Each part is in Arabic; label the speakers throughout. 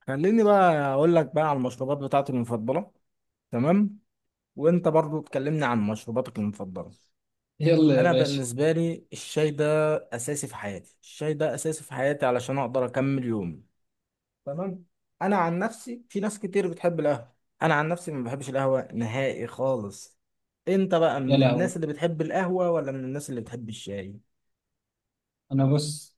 Speaker 1: خليني بقى اقول لك بقى على المشروبات بتاعتي المفضله. تمام. وانت برضو تكلمني عن مشروباتك المفضله.
Speaker 2: يلا يا
Speaker 1: انا
Speaker 2: باشا.
Speaker 1: بالنسبه لي الشاي ده اساسي في حياتي، الشاي ده اساسي في حياتي علشان اقدر اكمل يومي. تمام. انا عن نفسي في ناس كتير بتحب القهوه. انا عن نفسي ما بحبش القهوه نهائي خالص. انت بقى
Speaker 2: يا
Speaker 1: من
Speaker 2: لهوي،
Speaker 1: الناس اللي بتحب القهوه ولا من الناس اللي بتحب الشاي؟
Speaker 2: انا بص.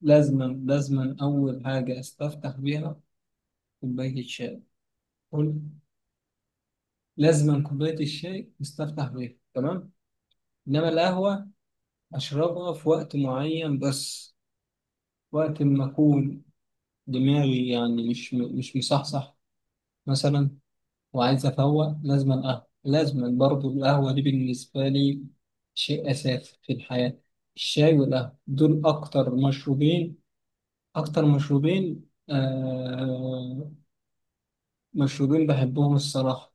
Speaker 2: لازما اول حاجه استفتح بيها كوبايه الشاي. قول، لازما كوبايه الشاي استفتح بيها، تمام. انما القهوه اشربها في وقت معين بس، وقت ما اكون دماغي يعني مش مصحصح مثلا، وعايز افوق لازما قهوه، لازما برضو القهوه دي بالنسبه لي شيء اساسي في الحياه. الشاي والقهوه دول اكتر مشروبين، أكتر مشروبين آه مشروبين بحبهم الصراحة.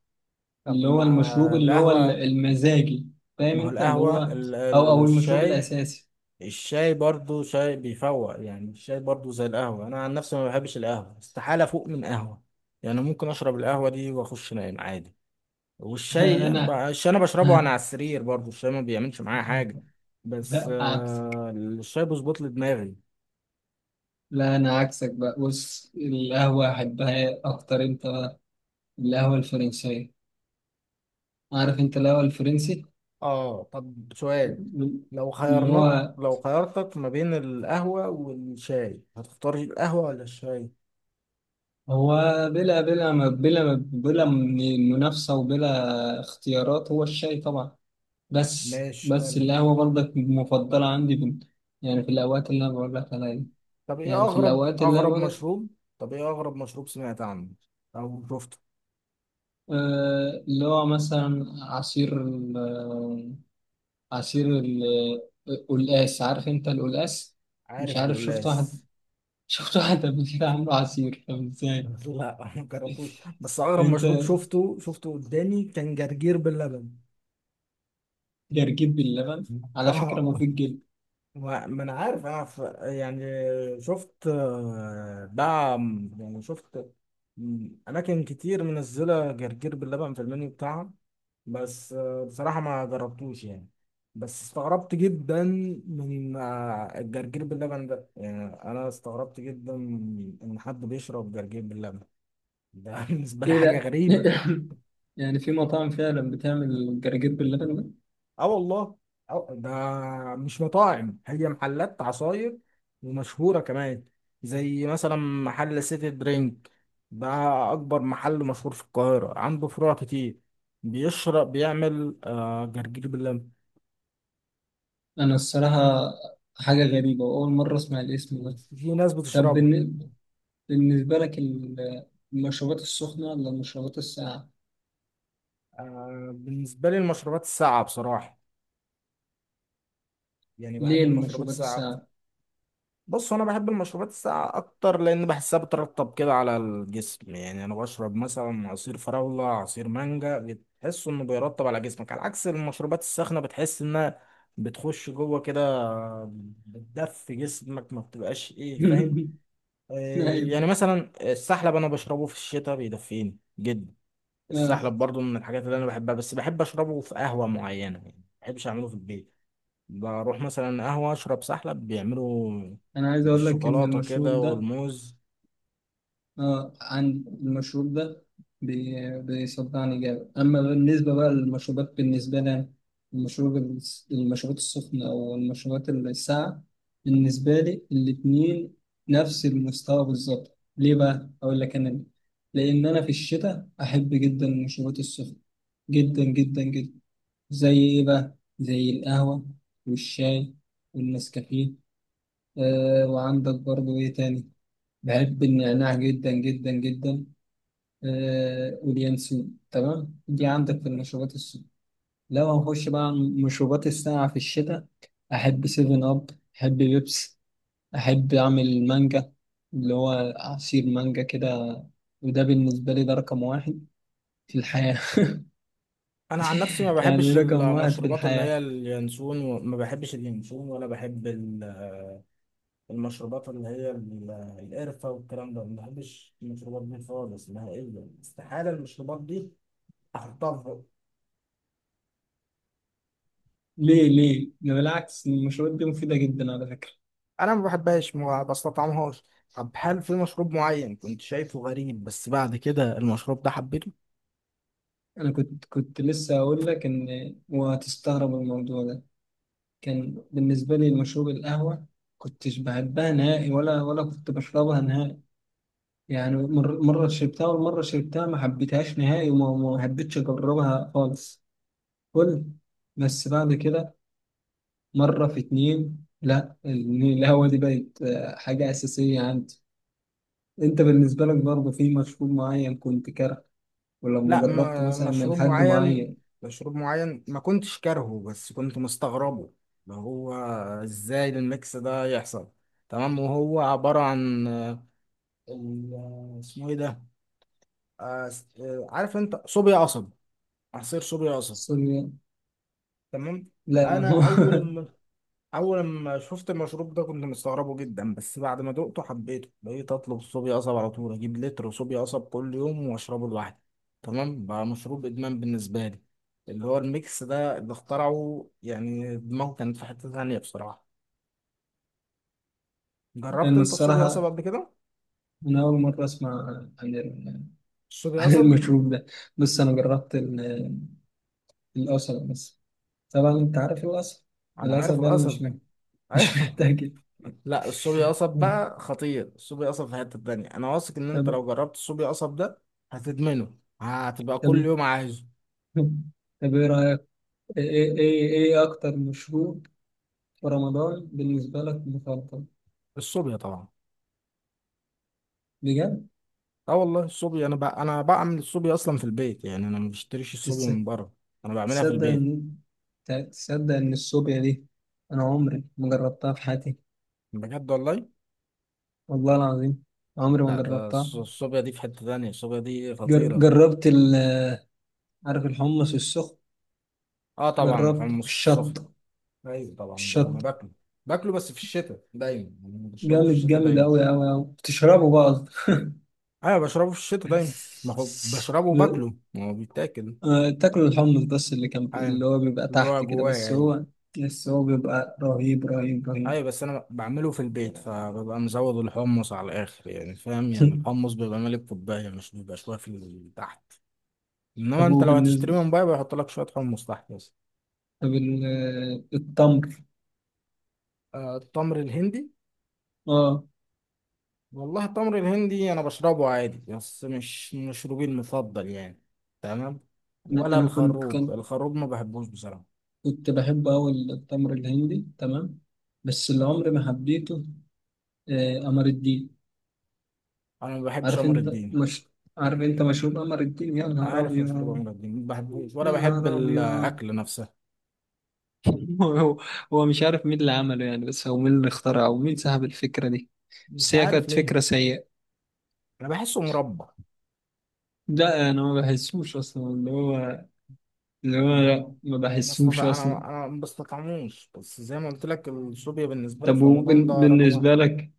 Speaker 1: طب
Speaker 2: اللي هو
Speaker 1: ما
Speaker 2: المشروب، اللي هو
Speaker 1: القهوه،
Speaker 2: المزاجي، فاهم
Speaker 1: ما هو
Speaker 2: أنت، اللي هو
Speaker 1: القهوة
Speaker 2: أو أو المشروب
Speaker 1: الشاي.
Speaker 2: الأساسي.
Speaker 1: الشاي برضو شاي بيفوق، يعني الشاي برضو زي القهوة، أنا عن نفسي ما بحبش القهوة، استحالة فوق من قهوة. يعني ممكن أشرب القهوة دي وأخش نايم عادي.
Speaker 2: لا أنا
Speaker 1: الشاي أنا بشربه وأنا على السرير، برضو الشاي ما بيعملش معايا حاجة. بس
Speaker 2: لا عكسك،
Speaker 1: آه الشاي بيظبط لي دماغي.
Speaker 2: لا أنا عكسك بقى. بص، القهوة أحبها أكتر. أنت القهوة الفرنسية، عارف أنت القهوة الفرنسي.
Speaker 1: آه، طب سؤال.
Speaker 2: اللي هو
Speaker 1: لو خيرتك ما بين القهوة والشاي هتختار القهوة ولا الشاي؟
Speaker 2: هو بلا من منافسة وبلا اختيارات، هو الشاي طبعا. بس
Speaker 1: ماشي
Speaker 2: بس
Speaker 1: حلو.
Speaker 2: القهوة برضك مفضلة عندي بال... يعني في الأوقات اللي أنا بقول لك عليها دي.
Speaker 1: طب ايه
Speaker 2: يعني في
Speaker 1: اغرب
Speaker 2: الأوقات اللي أنا
Speaker 1: اغرب
Speaker 2: بقول لك.
Speaker 1: مشروب. طب ايه اغرب مشروب سمعت عنه او شفته.
Speaker 2: آه اللي هو مثلا عصير ال... آه، عصير ال... آه، القلقاس، عارف أنت القلقاس؟ مش
Speaker 1: عارف
Speaker 2: عارف، شفت واحد
Speaker 1: القلاس؟
Speaker 2: شفت واحد قبل كده عامله عصير، طب إزاي؟
Speaker 1: لا ما جربتوش، بس اغرب
Speaker 2: أنت،
Speaker 1: مشروب شفته قدامي كان جرجير باللبن.
Speaker 2: جرجير باللبن، على فكرة
Speaker 1: اه،
Speaker 2: مفيد جدا.
Speaker 1: ما انا عارف، يعني شفت دعم، يعني شفت اماكن كتير منزله جرجير باللبن في المنيو بتاعها. بس بصراحه ما جربتوش يعني، بس استغربت جدا من الجرجير باللبن ده، يعني انا استغربت جدا ان حد بيشرب جرجير باللبن ده. بالنسبه لي
Speaker 2: إيه
Speaker 1: حاجه
Speaker 2: ده؟
Speaker 1: غريبه.
Speaker 2: يعني في مطاعم فعلا بتعمل جرجير باللبن ده؟
Speaker 1: اه والله. اه ده مش مطاعم، هي محلات عصاير ومشهورة كمان، زي مثلا محل سيتي درينك ده، أكبر محل مشهور في القاهرة، عنده فروع كتير. بيعمل جرجير باللبن.
Speaker 2: أنا الصراحة حاجة غريبة، وأول مرة أسمع الاسم ده.
Speaker 1: في ناس
Speaker 2: طب
Speaker 1: بتشربه.
Speaker 2: بالنسبة لك المشروبات السخنة ولا المشروبات الساقعة؟
Speaker 1: آه، بالنسبة لي المشروبات الساقعة بصراحة، يعني
Speaker 2: ليه
Speaker 1: بحب المشروبات
Speaker 2: المشروبات
Speaker 1: الساقعة.
Speaker 2: الساقعة؟
Speaker 1: بص، انا بحب المشروبات الساقعه اكتر لان بحسها بترطب كده على الجسم، يعني انا بشرب مثلا عصير فراوله، عصير مانجا، بتحس انه بيرطب على جسمك، على عكس المشروبات الساخنه بتحس انها بتخش جوه كده، بتدفي جسمك، ما بتبقاش ايه فاهم. آه.
Speaker 2: أيوة.
Speaker 1: يعني مثلا السحلب انا بشربه في الشتاء بيدفيني جدا.
Speaker 2: آه،
Speaker 1: السحلب برضو من الحاجات اللي انا بحبها، بس بحب اشربه في قهوه معينه، يعني ما بحبش اعمله في البيت. بروح مثلا قهوة أشرب سحلب، بيعملوا
Speaker 2: أنا عايز أقول لك إن
Speaker 1: بالشوكولاتة
Speaker 2: المشروب
Speaker 1: كده
Speaker 2: ده،
Speaker 1: والموز.
Speaker 2: اه عن المشروب ده، بيصدعني جامد. اما بالنسبه بقى للمشروبات، بالنسبه لي أنا، المشروب المشروبات السخنه او المشروبات الساقعه، بالنسبه لي الاتنين نفس المستوى بالظبط. ليه بقى اقول لك انا ليه؟ لان انا في الشتاء احب جدا المشروبات السخنه، جدا جدا جدا. زي ايه بقى؟ زي القهوه والشاي والنسكافيه. آه، وعندك برضو ايه تاني؟ بحب النعناع جدا جدا جدا، آه، واليانسون، تمام. دي عندك في المشروبات السخنة. لو هنخش بقى على المشروبات الساقعة في الشتاء، أحب سيفن أب، أحب بيبس، أحب أعمل مانجا، اللي هو عصير مانجا كده، وده بالنسبة لي ده رقم واحد في الحياة.
Speaker 1: أنا عن نفسي ما
Speaker 2: يعني
Speaker 1: بحبش
Speaker 2: رقم واحد في
Speaker 1: المشروبات اللي هي
Speaker 2: الحياة.
Speaker 1: اليانسون، وما بحبش اليانسون، ولا بحب المشروبات اللي هي القرفة والكلام ده، ما بحبش المشروبات دي خالص نهائيا، استحالة المشروبات دي أحطها في بقي.
Speaker 2: ليه ليه؟ ده بالعكس، المشروبات دي مفيدة جدا على فكرة.
Speaker 1: أنا ما بحبهاش، ما بستطعمهاش. طب هل في مشروب معين كنت شايفه غريب بس بعد كده المشروب ده حبيته؟
Speaker 2: أنا كنت لسه هقول لك إن وهتستغرب الموضوع ده، كان بالنسبة لي المشروب القهوة. كنتش بحبها نهائي ولا كنت بشربها نهائي، يعني مرة شربتها والمرة شربتها ما حبيتهاش نهائي، وما ما حبيتش أجربها خالص. قل. بس بعد كده مرة في اتنين، لا القهوة دي بقت آه، حاجة أساسية عندي. أنت بالنسبة لك برضه في مشروب معين كنت كاره، ولما
Speaker 1: لا،
Speaker 2: جربته
Speaker 1: ما
Speaker 2: مثلا من
Speaker 1: مشروب
Speaker 2: حد
Speaker 1: معين،
Speaker 2: معين؟
Speaker 1: مشروب معين ما كنتش كارهه بس كنت مستغربه. اللي هو ازاي الميكس ده يحصل. تمام، وهو عبارة عن اسمه ايه ده، عارف انت صوبيا قصب، عصير صوبيا قصب.
Speaker 2: سوري،
Speaker 1: تمام.
Speaker 2: لا ما هو
Speaker 1: انا اول ما اول ما شفت المشروب ده كنت مستغربه جدا، بس بعد ما دقته حبيته، بقيت اطلب صوبيا قصب على طول، اجيب لتر صوبيا قصب كل يوم واشربه لوحدي. تمام، بقى مشروب ادمان بالنسبه لي، اللي هو الميكس ده اللي اخترعه، يعني دماغه كانت في حته ثانيه بصراحه. جربت
Speaker 2: لأن
Speaker 1: انت الصوبيا قصب
Speaker 2: الصراحة
Speaker 1: قبل كده؟
Speaker 2: أنا أول مرة أسمع عن،
Speaker 1: الصوبيا
Speaker 2: عن
Speaker 1: قصب
Speaker 2: المشروب ده. بص انا جربت القصب بس، طبعا انت عارف القصب،
Speaker 1: انا عارف
Speaker 2: القصب ده اللي
Speaker 1: القصب.
Speaker 2: مش محتاج، مش
Speaker 1: ايوه.
Speaker 2: محتاج.
Speaker 1: لا، الصوبيا قصب بقى خطير، الصوبيا قصب في حته ثانيه، انا واثق ان
Speaker 2: طب،
Speaker 1: انت لو جربت الصوبيا قصب ده هتدمنه، هتبقى
Speaker 2: طب
Speaker 1: كل يوم عايزه.
Speaker 2: طب ايه رايك؟ ايه ايه ايه إيه اكتر مشروب في رمضان بالنسبه لك مفضل؟
Speaker 1: الصوبيا طبعا.
Speaker 2: بجد.
Speaker 1: اه والله الصوبيا، انا بقى بعمل الصوبيا اصلا في البيت، يعني انا ما بشتريش الصوبيا
Speaker 2: تصدق،
Speaker 1: من بره، انا بعملها في
Speaker 2: تصدق
Speaker 1: البيت.
Speaker 2: ان، تصدق ان الصوبيا دي انا عمري ما جربتها في حياتي،
Speaker 1: بجد والله.
Speaker 2: والله العظيم عمري ما
Speaker 1: لا، ده
Speaker 2: جربتها.
Speaker 1: الصوبيا دي في حتة تانية، الصوبيا دي
Speaker 2: جر...
Speaker 1: خطيرة.
Speaker 2: جربت ال... عارف الحمص السخن؟
Speaker 1: اه طبعا
Speaker 2: جربت
Speaker 1: الحمص السخن.
Speaker 2: الشطه،
Speaker 1: ايوه طبعا، ده انا
Speaker 2: الشط
Speaker 1: باكله، باكله بس في الشتاء دايما، يعني بشربه في
Speaker 2: جامد
Speaker 1: الشتاء
Speaker 2: جامد
Speaker 1: دايما.
Speaker 2: أوي أوي أوي. بتشربه بقى قصدي.
Speaker 1: ايوه بشربه في الشتاء دايما، ما هو بشربه وباكله، ما هو بيتاكل.
Speaker 2: آه، تاكلوا الحمص بس اللي كان
Speaker 1: ايوه،
Speaker 2: اللي هو بيبقى
Speaker 1: اللي هو
Speaker 2: تحت كده،
Speaker 1: جوايا،
Speaker 2: بس
Speaker 1: ايوه.
Speaker 2: هو، بس هو بيبقى رهيب رهيب رهيب.
Speaker 1: ايوه بس انا بعمله في البيت فببقى مزود الحمص على الاخر، يعني فاهم، يعني الحمص بيبقى ملك كوبايه، مش بيبقى شويه في تحت. انما
Speaker 2: طب
Speaker 1: انت
Speaker 2: هو
Speaker 1: لو
Speaker 2: بالنسبة،
Speaker 1: هتشتري من بره بيحط لك شويه حمص تحت بس.
Speaker 2: طب آه، التمر؟
Speaker 1: آه التمر الهندي.
Speaker 2: اه.
Speaker 1: والله التمر الهندي انا بشربه عادي بس مش مشروبي المفضل يعني. تمام.
Speaker 2: أنا
Speaker 1: ولا
Speaker 2: أنا كنت
Speaker 1: الخروب،
Speaker 2: كان
Speaker 1: الخروب ما بحبوش بصراحه.
Speaker 2: كنت بحب أوي التمر الهندي، تمام. بس اللي عمري ما حبيته، آه، قمر الدين.
Speaker 1: انا ما بحبش
Speaker 2: عارف
Speaker 1: قمر
Speaker 2: أنت
Speaker 1: الدين،
Speaker 2: مش، عارف أنت مشروب قمر الدين؟ يا نهار
Speaker 1: عارف
Speaker 2: أبيض،
Speaker 1: مشروب قمر الدين، ما بحبوش،
Speaker 2: يا
Speaker 1: ولا بحب
Speaker 2: نهار أبيض.
Speaker 1: الاكل نفسه،
Speaker 2: هو، هو مش عارف مين اللي عمله يعني، بس هو مين اللي اخترعه ومين سحب الفكرة دي؟
Speaker 1: مش
Speaker 2: بس هي
Speaker 1: عارف
Speaker 2: كانت
Speaker 1: ليه،
Speaker 2: فكرة سيئة.
Speaker 1: انا بحسه مربى.
Speaker 2: لا أنا ما بحسوش أصلا، اللي هو، اللي هو لا
Speaker 1: ما
Speaker 2: ما
Speaker 1: ما
Speaker 2: بحسوش
Speaker 1: استطع، انا
Speaker 2: أصلا.
Speaker 1: انا ما بستطعموش، بس زي ما قلت لك الصوبيا بالنسبه لي
Speaker 2: طب
Speaker 1: في رمضان ده رقم واحد.
Speaker 2: وبالنسبة لك،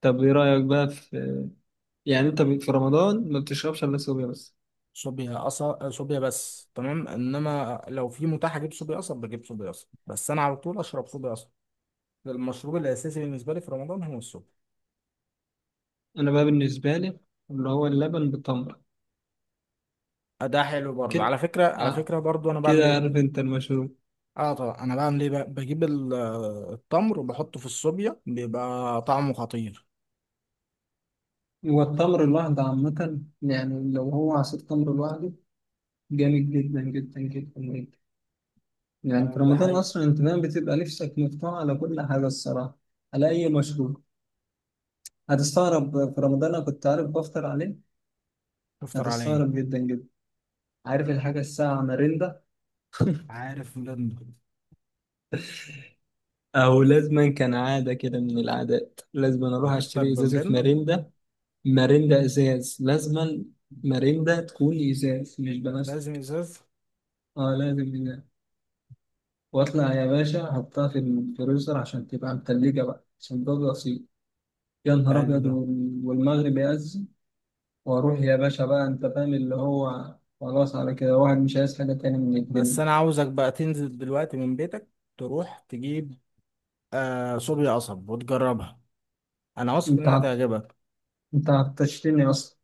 Speaker 2: طب إيه رأيك بقى في، يعني أنت في رمضان ما بتشربش إلا صوبيا بس؟
Speaker 1: صوبيا قصب، صوبيا بس، تمام، انما لو في متاح اجيب صوبيا قصب بجيب صوبيا قصب، بس انا على طول اشرب صوبيا قصب. المشروب الاساسي بالنسبه لي في رمضان هو الصوبيا.
Speaker 2: أنا بقى بالنسبة لي اللي هو اللبن بالتمر
Speaker 1: آه، ده حلو برضه، على
Speaker 2: كده،
Speaker 1: فكره على
Speaker 2: آه،
Speaker 1: فكره برضه انا بعمل
Speaker 2: كده. عارف
Speaker 1: ايه.
Speaker 2: أنت المشروب،
Speaker 1: اه طبعا انا بعمل ايه بقى؟ بجيب التمر وبحطه في الصوبيا بيبقى طعمه خطير.
Speaker 2: والتمر لوحده عامة، يعني لو هو عصير تمر لوحده جامد جدا جدا جدا جدا. يعني
Speaker 1: آه،
Speaker 2: في
Speaker 1: ده
Speaker 2: رمضان
Speaker 1: حقيقي.
Speaker 2: أصلا أنت دايما بتبقى نفسك مفتوح على كل حاجة الصراحة، على أي مشروب. هتستغرب في رمضان أنا كنت عارف بفطر عليه.
Speaker 1: تفطر على ايه؟
Speaker 2: هتستغرب جدا جدا. عارف الحاجة الساعة مرندة؟
Speaker 1: عارف مرند.
Speaker 2: أو لازما، كان عادة كده من العادات، لازما أروح
Speaker 1: بتفطر
Speaker 2: أشتري إزازة
Speaker 1: بمرندة؟
Speaker 2: مرندة، مرندة إزاز لازما، مرندة تكون إزاز مش
Speaker 1: لازم
Speaker 2: بلاستيك.
Speaker 1: ازاز.
Speaker 2: أه لازم إزاز، وأطلع يا باشا أحطها في الفريزر عشان تبقى متلجة بقى، عشان ده بسيط. يا نهار
Speaker 1: حلو
Speaker 2: أبيض،
Speaker 1: ده.
Speaker 2: والمغرب يأذن، واروح يا باشا بقى، انت فاهم اللي هو، خلاص على كده واحد مش عايز حاجة تاني من
Speaker 1: بس
Speaker 2: الدنيا.
Speaker 1: انا عاوزك بقى تنزل دلوقتي من بيتك، تروح تجيب آه صوبيا قصب وتجربها، انا واثق
Speaker 2: انت
Speaker 1: انها
Speaker 2: عط-
Speaker 1: تعجبك.
Speaker 2: انت عطشتني اصلا.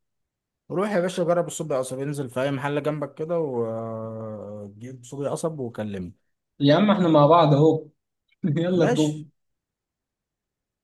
Speaker 1: روح يا باشا، جرب الصوبيا قصب، انزل في اي محل جنبك كده وجيب صوبيا قصب وكلمني.
Speaker 2: يا عم احنا مع بعض اهو. يلا نروح.
Speaker 1: ماشي.